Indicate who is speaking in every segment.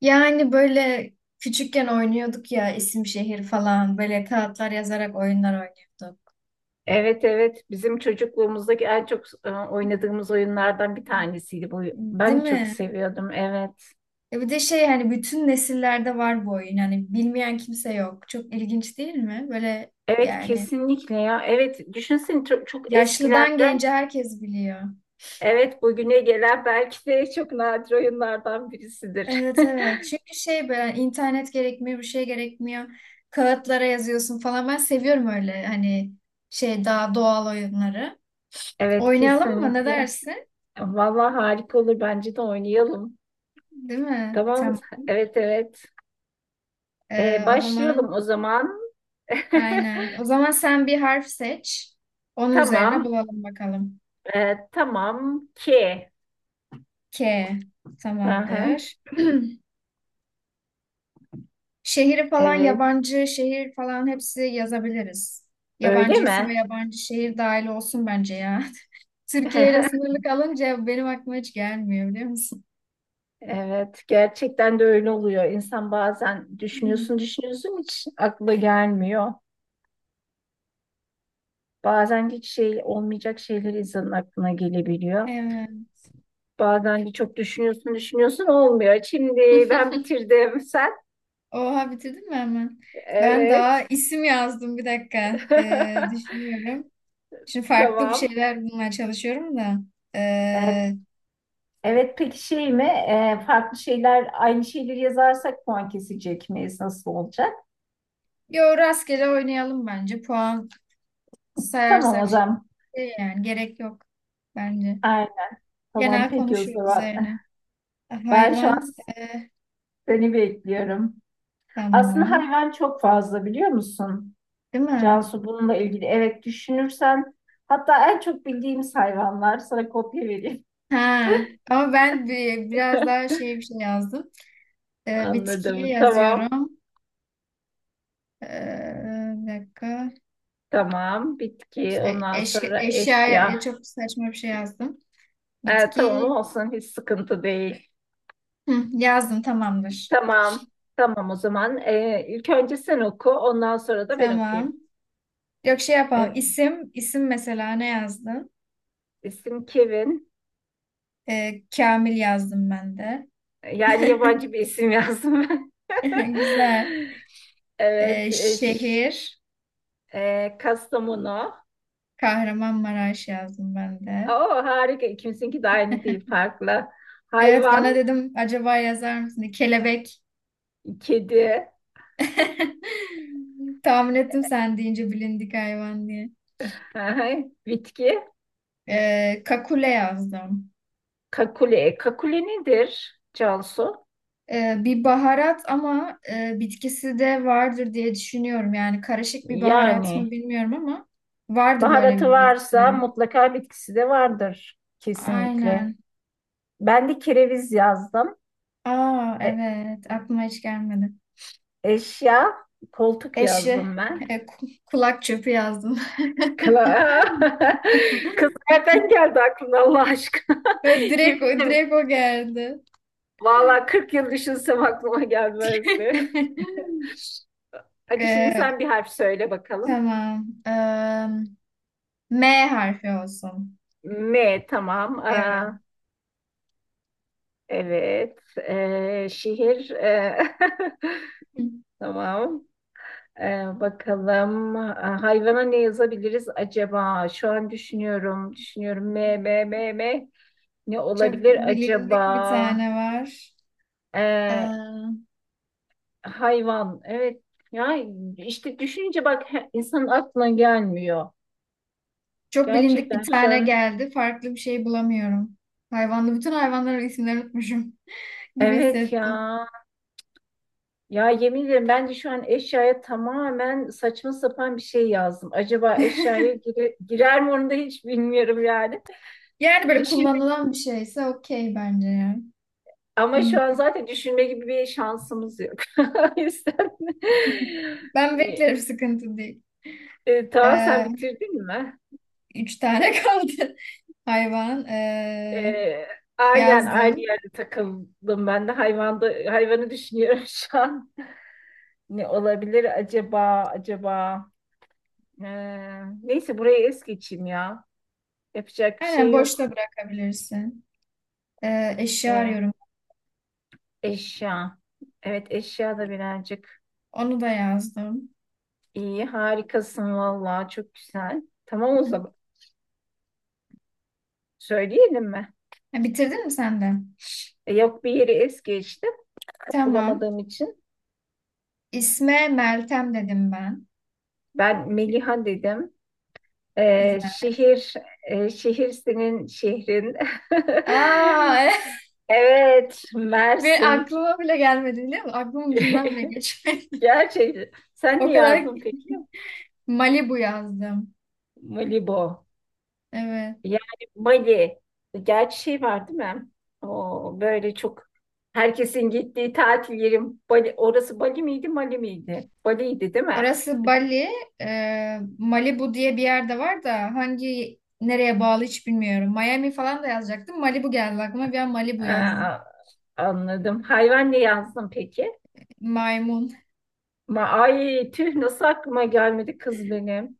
Speaker 1: Yani böyle küçükken oynuyorduk ya, isim şehir falan, böyle kağıtlar yazarak oyunlar oynuyorduk.
Speaker 2: Evet evet bizim çocukluğumuzdaki en çok oynadığımız oyunlardan bir tanesiydi bu.
Speaker 1: Değil
Speaker 2: Ben de çok
Speaker 1: mi?
Speaker 2: seviyordum, evet.
Speaker 1: E bir de hani bütün nesillerde var bu oyun. Hani bilmeyen kimse yok. Çok ilginç değil mi? Böyle
Speaker 2: Evet,
Speaker 1: yani
Speaker 2: kesinlikle ya. Evet, düşünsene çok, çok
Speaker 1: yaşlıdan
Speaker 2: eskilerden
Speaker 1: gence herkes biliyor.
Speaker 2: evet bugüne gelen belki de çok nadir oyunlardan birisidir.
Speaker 1: Evet, evet. Çünkü böyle internet gerekmiyor, bir şey gerekmiyor. Kağıtlara yazıyorsun falan. Ben seviyorum öyle hani daha doğal oyunları.
Speaker 2: Evet,
Speaker 1: Oynayalım mı? Ne
Speaker 2: kesinlikle.
Speaker 1: dersin?
Speaker 2: Vallahi harika olur, bence de oynayalım.
Speaker 1: Değil mi?
Speaker 2: Tamam,
Speaker 1: Tamam.
Speaker 2: evet evet.
Speaker 1: O
Speaker 2: Başlayalım
Speaker 1: zaman
Speaker 2: o zaman.
Speaker 1: aynen. O zaman sen bir harf seç. Onun üzerine
Speaker 2: Tamam.
Speaker 1: bulalım bakalım.
Speaker 2: Tamam ki.
Speaker 1: K.
Speaker 2: Aha,
Speaker 1: Tamamdır. Şehri falan,
Speaker 2: evet.
Speaker 1: yabancı şehir falan, hepsi yazabiliriz.
Speaker 2: Öyle
Speaker 1: Yabancı isim ve
Speaker 2: mi?
Speaker 1: yabancı şehir dahil olsun bence ya. Türkiye ile sınırlı kalınca benim aklıma hiç gelmiyor, biliyor musun?
Speaker 2: Evet, gerçekten de öyle oluyor. İnsan bazen düşünüyorsun,
Speaker 1: Hmm.
Speaker 2: düşünüyorsun hiç akla gelmiyor. Bazen hiç şey olmayacak şeyler insanın aklına gelebiliyor.
Speaker 1: Evet.
Speaker 2: Bazen de çok düşünüyorsun, düşünüyorsun olmuyor. Şimdi ben bitirdim. Sen?
Speaker 1: Oha, bitirdin mi hemen? Ben daha
Speaker 2: Evet.
Speaker 1: isim yazdım, bir dakika. Düşünüyorum. Şimdi farklı bir
Speaker 2: Tamam.
Speaker 1: şeyler bulmaya çalışıyorum da.
Speaker 2: Evet,
Speaker 1: Ee,
Speaker 2: evet, peki şey mi? Farklı şeyler, aynı şeyleri yazarsak puan kesecek miyiz? Nasıl olacak?
Speaker 1: Yo, rastgele oynayalım bence. Puan
Speaker 2: Tamam o
Speaker 1: sayarsak
Speaker 2: zaman.
Speaker 1: yani gerek yok bence.
Speaker 2: Aynen. Tamam,
Speaker 1: Genel
Speaker 2: peki o
Speaker 1: konuşuyor
Speaker 2: zaman.
Speaker 1: üzerine.
Speaker 2: Ben şu an
Speaker 1: Hayvan,
Speaker 2: seni bekliyorum. Aslında
Speaker 1: tamam.
Speaker 2: hayvan çok fazla, biliyor musun?
Speaker 1: Değil mi?
Speaker 2: Cansu, bununla ilgili evet düşünürsen hatta en çok bildiğimiz hayvanlar, sana kopya vereyim.
Speaker 1: Ha. Ama ben biraz daha bir şey yazdım. E, bitkiye
Speaker 2: Anladım. Tamam.
Speaker 1: yazıyorum. E, bir dakika.
Speaker 2: Tamam. Bitki. Ondan sonra
Speaker 1: Eşyaya
Speaker 2: eşya.
Speaker 1: çok saçma bir şey yazdım.
Speaker 2: Tamam
Speaker 1: Bitki.
Speaker 2: olsun. Hiç sıkıntı değil.
Speaker 1: Hı, yazdım, tamamdır.
Speaker 2: Tamam. Tamam o zaman. İlk önce sen oku. Ondan sonra da ben
Speaker 1: Tamam.
Speaker 2: okuyayım.
Speaker 1: Yok, şey yapalım.
Speaker 2: Evet.
Speaker 1: İsim mesela ne yazdın?
Speaker 2: İsim Kevin.
Speaker 1: Kamil yazdım ben de.
Speaker 2: Yani yabancı bir isim yazdım ben.
Speaker 1: Güzel.
Speaker 2: Evet.
Speaker 1: Şehir,
Speaker 2: Kastamonu.
Speaker 1: Kahramanmaraş yazdım ben de.
Speaker 2: Oo, harika. İkimizinki de aynı değil, farklı.
Speaker 1: Evet, bana
Speaker 2: Hayvan,
Speaker 1: dedim acaba yazar mısın diye. Kelebek.
Speaker 2: kedi,
Speaker 1: Tahmin ettim sen deyince bilindik hayvan diye.
Speaker 2: bitki,
Speaker 1: Kakule yazdım.
Speaker 2: kakule. Kakule nedir Cansu?
Speaker 1: Bir baharat ama bitkisi de vardır diye düşünüyorum. Yani karışık bir baharat mı
Speaker 2: Yani
Speaker 1: bilmiyorum ama vardı böyle
Speaker 2: baharatı
Speaker 1: bir bitki.
Speaker 2: varsa
Speaker 1: Yani.
Speaker 2: mutlaka bitkisi de vardır, kesinlikle.
Speaker 1: Aynen.
Speaker 2: Ben de kereviz yazdım.
Speaker 1: Aa,
Speaker 2: E,
Speaker 1: evet, aklıma hiç gelmedi.
Speaker 2: Eşya, koltuk
Speaker 1: Eşi.
Speaker 2: yazdım ben.
Speaker 1: Kulak çöpü yazdım.
Speaker 2: Kla Kız, nereden geldi aklına Allah aşkına?
Speaker 1: Ve direkt,
Speaker 2: Yemin ederim.
Speaker 1: direkt o geldi.
Speaker 2: Vallahi 40 yıl düşünsem aklıma gelmezdi. Hadi şimdi
Speaker 1: E,
Speaker 2: sen bir harf söyle bakalım.
Speaker 1: tamam. E, M harfi olsun.
Speaker 2: M, tamam. Aa,
Speaker 1: Evet.
Speaker 2: evet. Şehir. Tamam. Bakalım. Aa, hayvana ne yazabiliriz acaba? Şu an düşünüyorum. Düşünüyorum. M, M, M, M. Ne
Speaker 1: Çok
Speaker 2: olabilir
Speaker 1: bilindik bir
Speaker 2: acaba?
Speaker 1: tane var. E,
Speaker 2: Ee, Hayvan. Evet. Ya işte düşününce bak insanın aklına gelmiyor.
Speaker 1: Çok bilindik bir
Speaker 2: Gerçekten şu
Speaker 1: tane
Speaker 2: an.
Speaker 1: geldi. Farklı bir şey bulamıyorum. Hayvanlı. Bütün hayvanların isimlerini unutmuşum gibi
Speaker 2: Evet
Speaker 1: hissettim.
Speaker 2: ya. Ya, yemin ederim bence şu an eşyaya tamamen saçma sapan bir şey yazdım. Acaba eşyaya girer mi onu da hiç bilmiyorum yani.
Speaker 1: Yani böyle
Speaker 2: Düşünme,
Speaker 1: kullanılan bir şeyse okey bence ya.
Speaker 2: ama
Speaker 1: Hmm.
Speaker 2: şu an zaten düşünme gibi bir şansımız yok. O yüzden
Speaker 1: Ben
Speaker 2: e,
Speaker 1: beklerim, sıkıntı değil.
Speaker 2: tamam, sen bitirdin mi?
Speaker 1: Üç
Speaker 2: E,
Speaker 1: tane kaldı hayvan.
Speaker 2: e, aynen aynı
Speaker 1: Yazdım.
Speaker 2: yerde takıldım ben de, hayvanda hayvanı düşünüyorum şu an. Ne olabilir acaba acaba? E, Neyse burayı es geçeyim ya. Yapacak bir
Speaker 1: Aynen,
Speaker 2: şey yok.
Speaker 1: boşta bırakabilirsin. Eşya
Speaker 2: E,
Speaker 1: arıyorum.
Speaker 2: Eşya. Evet, eşya da birazcık
Speaker 1: Onu da yazdım.
Speaker 2: iyi. Harikasın vallahi, çok güzel. Tamam o zaman. Söyleyelim mi?
Speaker 1: Ha, bitirdin mi sen de?
Speaker 2: Yok, bir yeri es geçtim.
Speaker 1: Tamam.
Speaker 2: Bulamadığım için.
Speaker 1: İsme Meltem dedim ben.
Speaker 2: Ben Meliha dedim.
Speaker 1: Güzel.
Speaker 2: Şehir, şehir senin şehrin.
Speaker 1: Aa,
Speaker 2: Evet,
Speaker 1: bir
Speaker 2: Mersin.
Speaker 1: aklıma bile gelmedi biliyor musun? Aklımın ucundan bile geçmedi.
Speaker 2: Gerçekten. Sen
Speaker 1: O
Speaker 2: ne
Speaker 1: kadar
Speaker 2: yazdın peki?
Speaker 1: Malibu yazdım.
Speaker 2: Malibu.
Speaker 1: Evet.
Speaker 2: Yani Bali, gerçi şey var değil mi? O böyle çok herkesin gittiği tatil yerim. Bali, orası Bali miydi, Mali miydi? Bali'ydi değil mi?
Speaker 1: Orası Bali, Malibu diye bir yerde var da hangi nereye bağlı hiç bilmiyorum. Miami falan da yazacaktım. Malibu geldi aklıma. Bir an Malibu yazdım.
Speaker 2: Aa, anladım. Hayvan ne yazdın peki?
Speaker 1: Maymun.
Speaker 2: Ay tüh, nasıl aklıma gelmedi kız benim.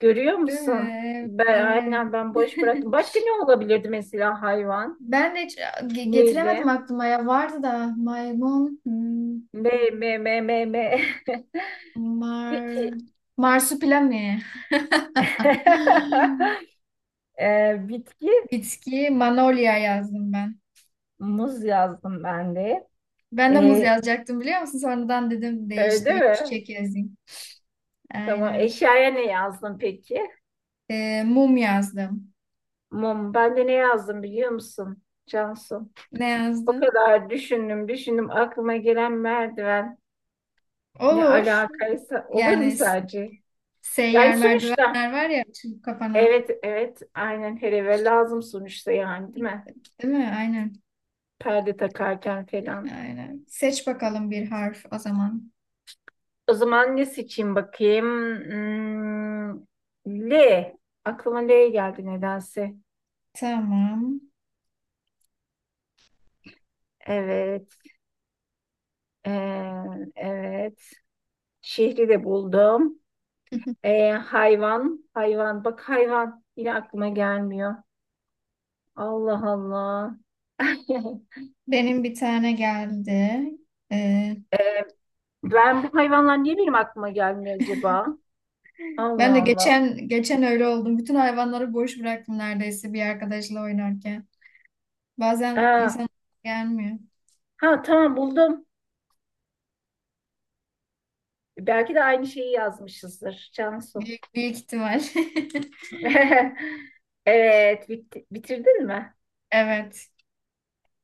Speaker 2: Görüyor
Speaker 1: Değil
Speaker 2: musun?
Speaker 1: mi? Evet.
Speaker 2: Aynen, ben boş bıraktım. Başka ne olabilirdi mesela hayvan?
Speaker 1: Ben de hiç getiremedim
Speaker 2: Neyle?
Speaker 1: aklıma ya. Vardı da maymun, hmm,
Speaker 2: Me, me, me, me, me.
Speaker 1: mar,
Speaker 2: Peki.
Speaker 1: marsupilami.
Speaker 2: Bitki.
Speaker 1: Bitki, manolya yazdım ben.
Speaker 2: Muz yazdım ben de.
Speaker 1: Ben de muz
Speaker 2: Ee,
Speaker 1: yazacaktım biliyor musun? Sonradan dedim
Speaker 2: Öyle
Speaker 1: değiştireyim,
Speaker 2: mi?
Speaker 1: çiçek yazayım.
Speaker 2: Tamam.
Speaker 1: Aynen.
Speaker 2: Eşyaya ne yazdın peki?
Speaker 1: Mum yazdım.
Speaker 2: Mum. Ben de ne yazdım biliyor musun Cansu?
Speaker 1: Ne
Speaker 2: O
Speaker 1: yazdım?
Speaker 2: kadar düşündüm, düşündüm. Aklıma gelen merdiven, ne
Speaker 1: Olur.
Speaker 2: alakaysa olur mu
Speaker 1: Yani s-
Speaker 2: sadece? Yani
Speaker 1: Seyyar
Speaker 2: sonuçta.
Speaker 1: merdivenler var ya, açılıp kapanan.
Speaker 2: Evet, evet. Aynen, her eve lazım sonuçta yani, değil mi?
Speaker 1: Değil mi? Aynen.
Speaker 2: Perde takarken falan.
Speaker 1: Aynen. Seç bakalım bir harf o zaman.
Speaker 2: O zaman ne seçeyim bakayım? Hmm, L. Aklıma L geldi nedense.
Speaker 1: Tamam.
Speaker 2: Evet. Ee, evet. Şehri de buldum. Hayvan, hayvan. Bak, hayvan yine aklıma gelmiyor. Allah Allah.
Speaker 1: Benim bir tane geldi. Ee,
Speaker 2: Ee, Ben bu hayvanlar niye benim aklıma gelmiyor acaba?
Speaker 1: Ben
Speaker 2: Allah
Speaker 1: de
Speaker 2: Allah.
Speaker 1: geçen öyle oldum. Bütün hayvanları boş bıraktım neredeyse bir arkadaşla oynarken. Bazen
Speaker 2: Aa,
Speaker 1: insan gelmiyor.
Speaker 2: ha tamam, buldum. Belki de aynı şeyi yazmışızdır Cansu.
Speaker 1: Büyük ihtimal.
Speaker 2: Evet, bitirdin mi?
Speaker 1: Evet.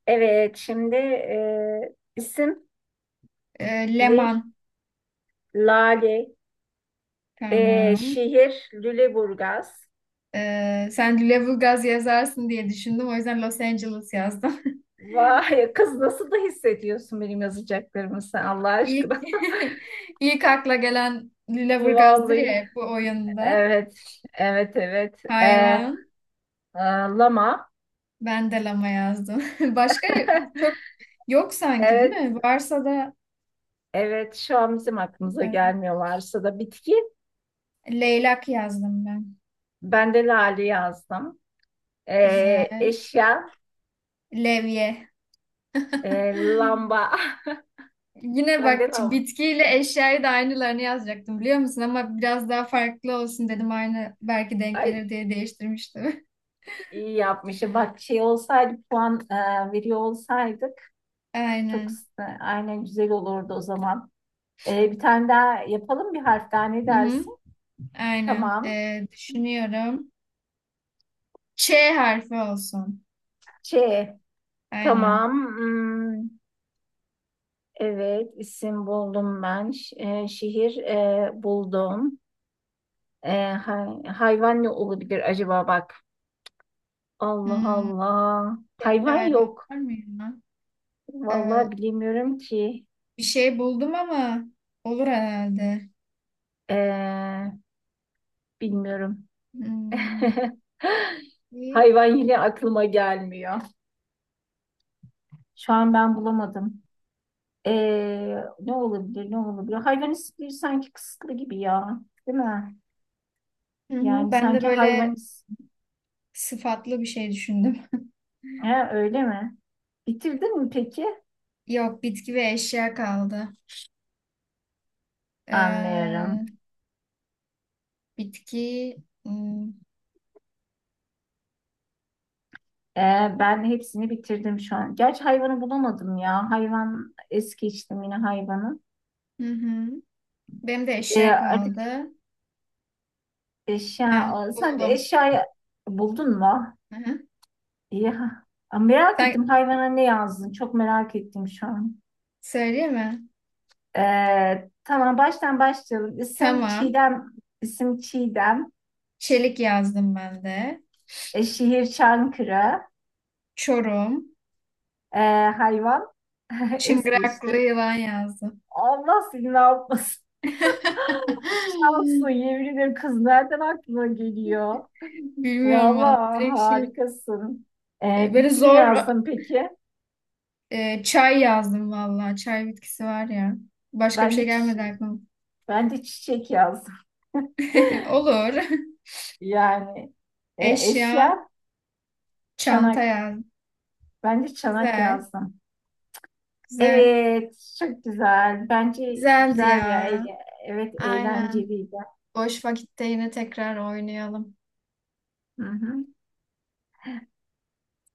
Speaker 2: Evet, şimdi isim ne?
Speaker 1: Leman.
Speaker 2: Lale,
Speaker 1: Tamam.
Speaker 2: şehir Lüleburgaz,
Speaker 1: Sen Lüleburgaz yazarsın diye düşündüm. O yüzden Los Angeles yazdım.
Speaker 2: vay kız nasıl da hissediyorsun benim yazacaklarımı sen Allah
Speaker 1: İlk,
Speaker 2: aşkına.
Speaker 1: ilk akla gelen Lüleburgaz'dır ya
Speaker 2: Vallahi.
Speaker 1: hep bu oyunda.
Speaker 2: Evet. Evet evet.
Speaker 1: Hayvan.
Speaker 2: E, Lama.
Speaker 1: Ben de lama yazdım. Başka çok yok sanki değil
Speaker 2: Evet.
Speaker 1: mi? Varsa da
Speaker 2: Evet, şu an bizim aklımıza
Speaker 1: e,
Speaker 2: gelmiyorlarsa da bitki.
Speaker 1: leylak yazdım ben.
Speaker 2: Ben de lale yazdım.
Speaker 1: Güzel.
Speaker 2: Eşya.
Speaker 1: Levye.
Speaker 2: Lamba.
Speaker 1: Yine
Speaker 2: Ben
Speaker 1: bak,
Speaker 2: de lamba.
Speaker 1: bitkiyle eşyayı da aynılarını yazacaktım biliyor musun? Ama biraz daha farklı olsun dedim. Aynı belki denk
Speaker 2: Ay,
Speaker 1: gelir diye değiştirmiştim.
Speaker 2: iyi yapmışım. Bak, şey olsaydı, puan veriyor olsaydık çok
Speaker 1: Aynen.
Speaker 2: aynen güzel olurdu o zaman. Bir tane daha yapalım, bir harf daha, ne
Speaker 1: Hı hı.
Speaker 2: dersin?
Speaker 1: Aynen.
Speaker 2: Tamam.
Speaker 1: Düşünüyorum. Ç harfi olsun.
Speaker 2: Ç.
Speaker 1: Aynen.
Speaker 2: Tamam. Hmm, evet, isim buldum ben. Şehir buldum. Hayvan ne olabilir acaba, bak. Allah
Speaker 1: Hmm,
Speaker 2: Allah.
Speaker 1: bir
Speaker 2: Hayvan
Speaker 1: hayvan
Speaker 2: yok.
Speaker 1: var mı ya? Ee,
Speaker 2: Vallahi bilemiyorum ki.
Speaker 1: Bir şey buldum ama olur herhalde.
Speaker 2: E, Bilmiyorum.
Speaker 1: Hmm, iyi.
Speaker 2: Hayvan yine aklıma gelmiyor. Şu an ben bulamadım. Ne olabilir, ne olabilir? Hayvanistliği sanki kısıtlı gibi ya, değil mi?
Speaker 1: Hı hı.
Speaker 2: Yani
Speaker 1: Ben de
Speaker 2: sanki
Speaker 1: böyle
Speaker 2: hayvanist,
Speaker 1: sıfatlı bir şey düşündüm.
Speaker 2: he, öyle mi? Bitirdin mi peki?
Speaker 1: Yok, bitki ve eşya kaldı.
Speaker 2: Anlıyorum.
Speaker 1: Ee, Bitki. Hmm.
Speaker 2: Ben hepsini bitirdim şu an. Gerçi hayvanı bulamadım ya. Hayvan es geçtim, yine hayvanı.
Speaker 1: Hı hı. Benim de eşya
Speaker 2: Artık
Speaker 1: kaldı.
Speaker 2: eşya,
Speaker 1: Heh,
Speaker 2: sen de
Speaker 1: buldum.
Speaker 2: eşyayı buldun mu?
Speaker 1: Hı hı.
Speaker 2: İyi. Merak
Speaker 1: Sen,
Speaker 2: ettim, hayvana ne yazdın? Çok merak ettim şu an.
Speaker 1: söyleyeyim mi?
Speaker 2: Tamam, baştan başlayalım. İsim
Speaker 1: Tamam.
Speaker 2: Çiğdem, isim Çiğdem.
Speaker 1: Çelik yazdım ben de.
Speaker 2: Şehir Çankırı.
Speaker 1: Çorum.
Speaker 2: Ee, Hayvan es
Speaker 1: Çıngıraklı
Speaker 2: geçtim.
Speaker 1: yılan yazdım.
Speaker 2: Allah seni ne yapmasın. Cansu, yemin ederim kız, nereden aklına geliyor?
Speaker 1: Bilmiyorum vallahi.
Speaker 2: Vallahi
Speaker 1: Direkt şey.
Speaker 2: harikasın.
Speaker 1: Böyle
Speaker 2: Bitki ne
Speaker 1: zor
Speaker 2: yazdın peki?
Speaker 1: çay yazdım valla. Çay bitkisi var ya. Başka bir
Speaker 2: Ben de,
Speaker 1: şey
Speaker 2: çi-
Speaker 1: gelmedi aklıma.
Speaker 2: ben de çiçek yazdım.
Speaker 1: Olur.
Speaker 2: Yani,
Speaker 1: Eşya.
Speaker 2: eşya
Speaker 1: Çanta
Speaker 2: çanak.
Speaker 1: yazdım.
Speaker 2: Ben de çanak
Speaker 1: Güzel.
Speaker 2: yazdım.
Speaker 1: Güzel.
Speaker 2: Evet, çok güzel. Bence
Speaker 1: Güzeldi
Speaker 2: güzel ya.
Speaker 1: ya.
Speaker 2: Evet,
Speaker 1: Aynen.
Speaker 2: eğlenceliydi.
Speaker 1: Boş vakitte yine tekrar oynayalım.
Speaker 2: Hı hı.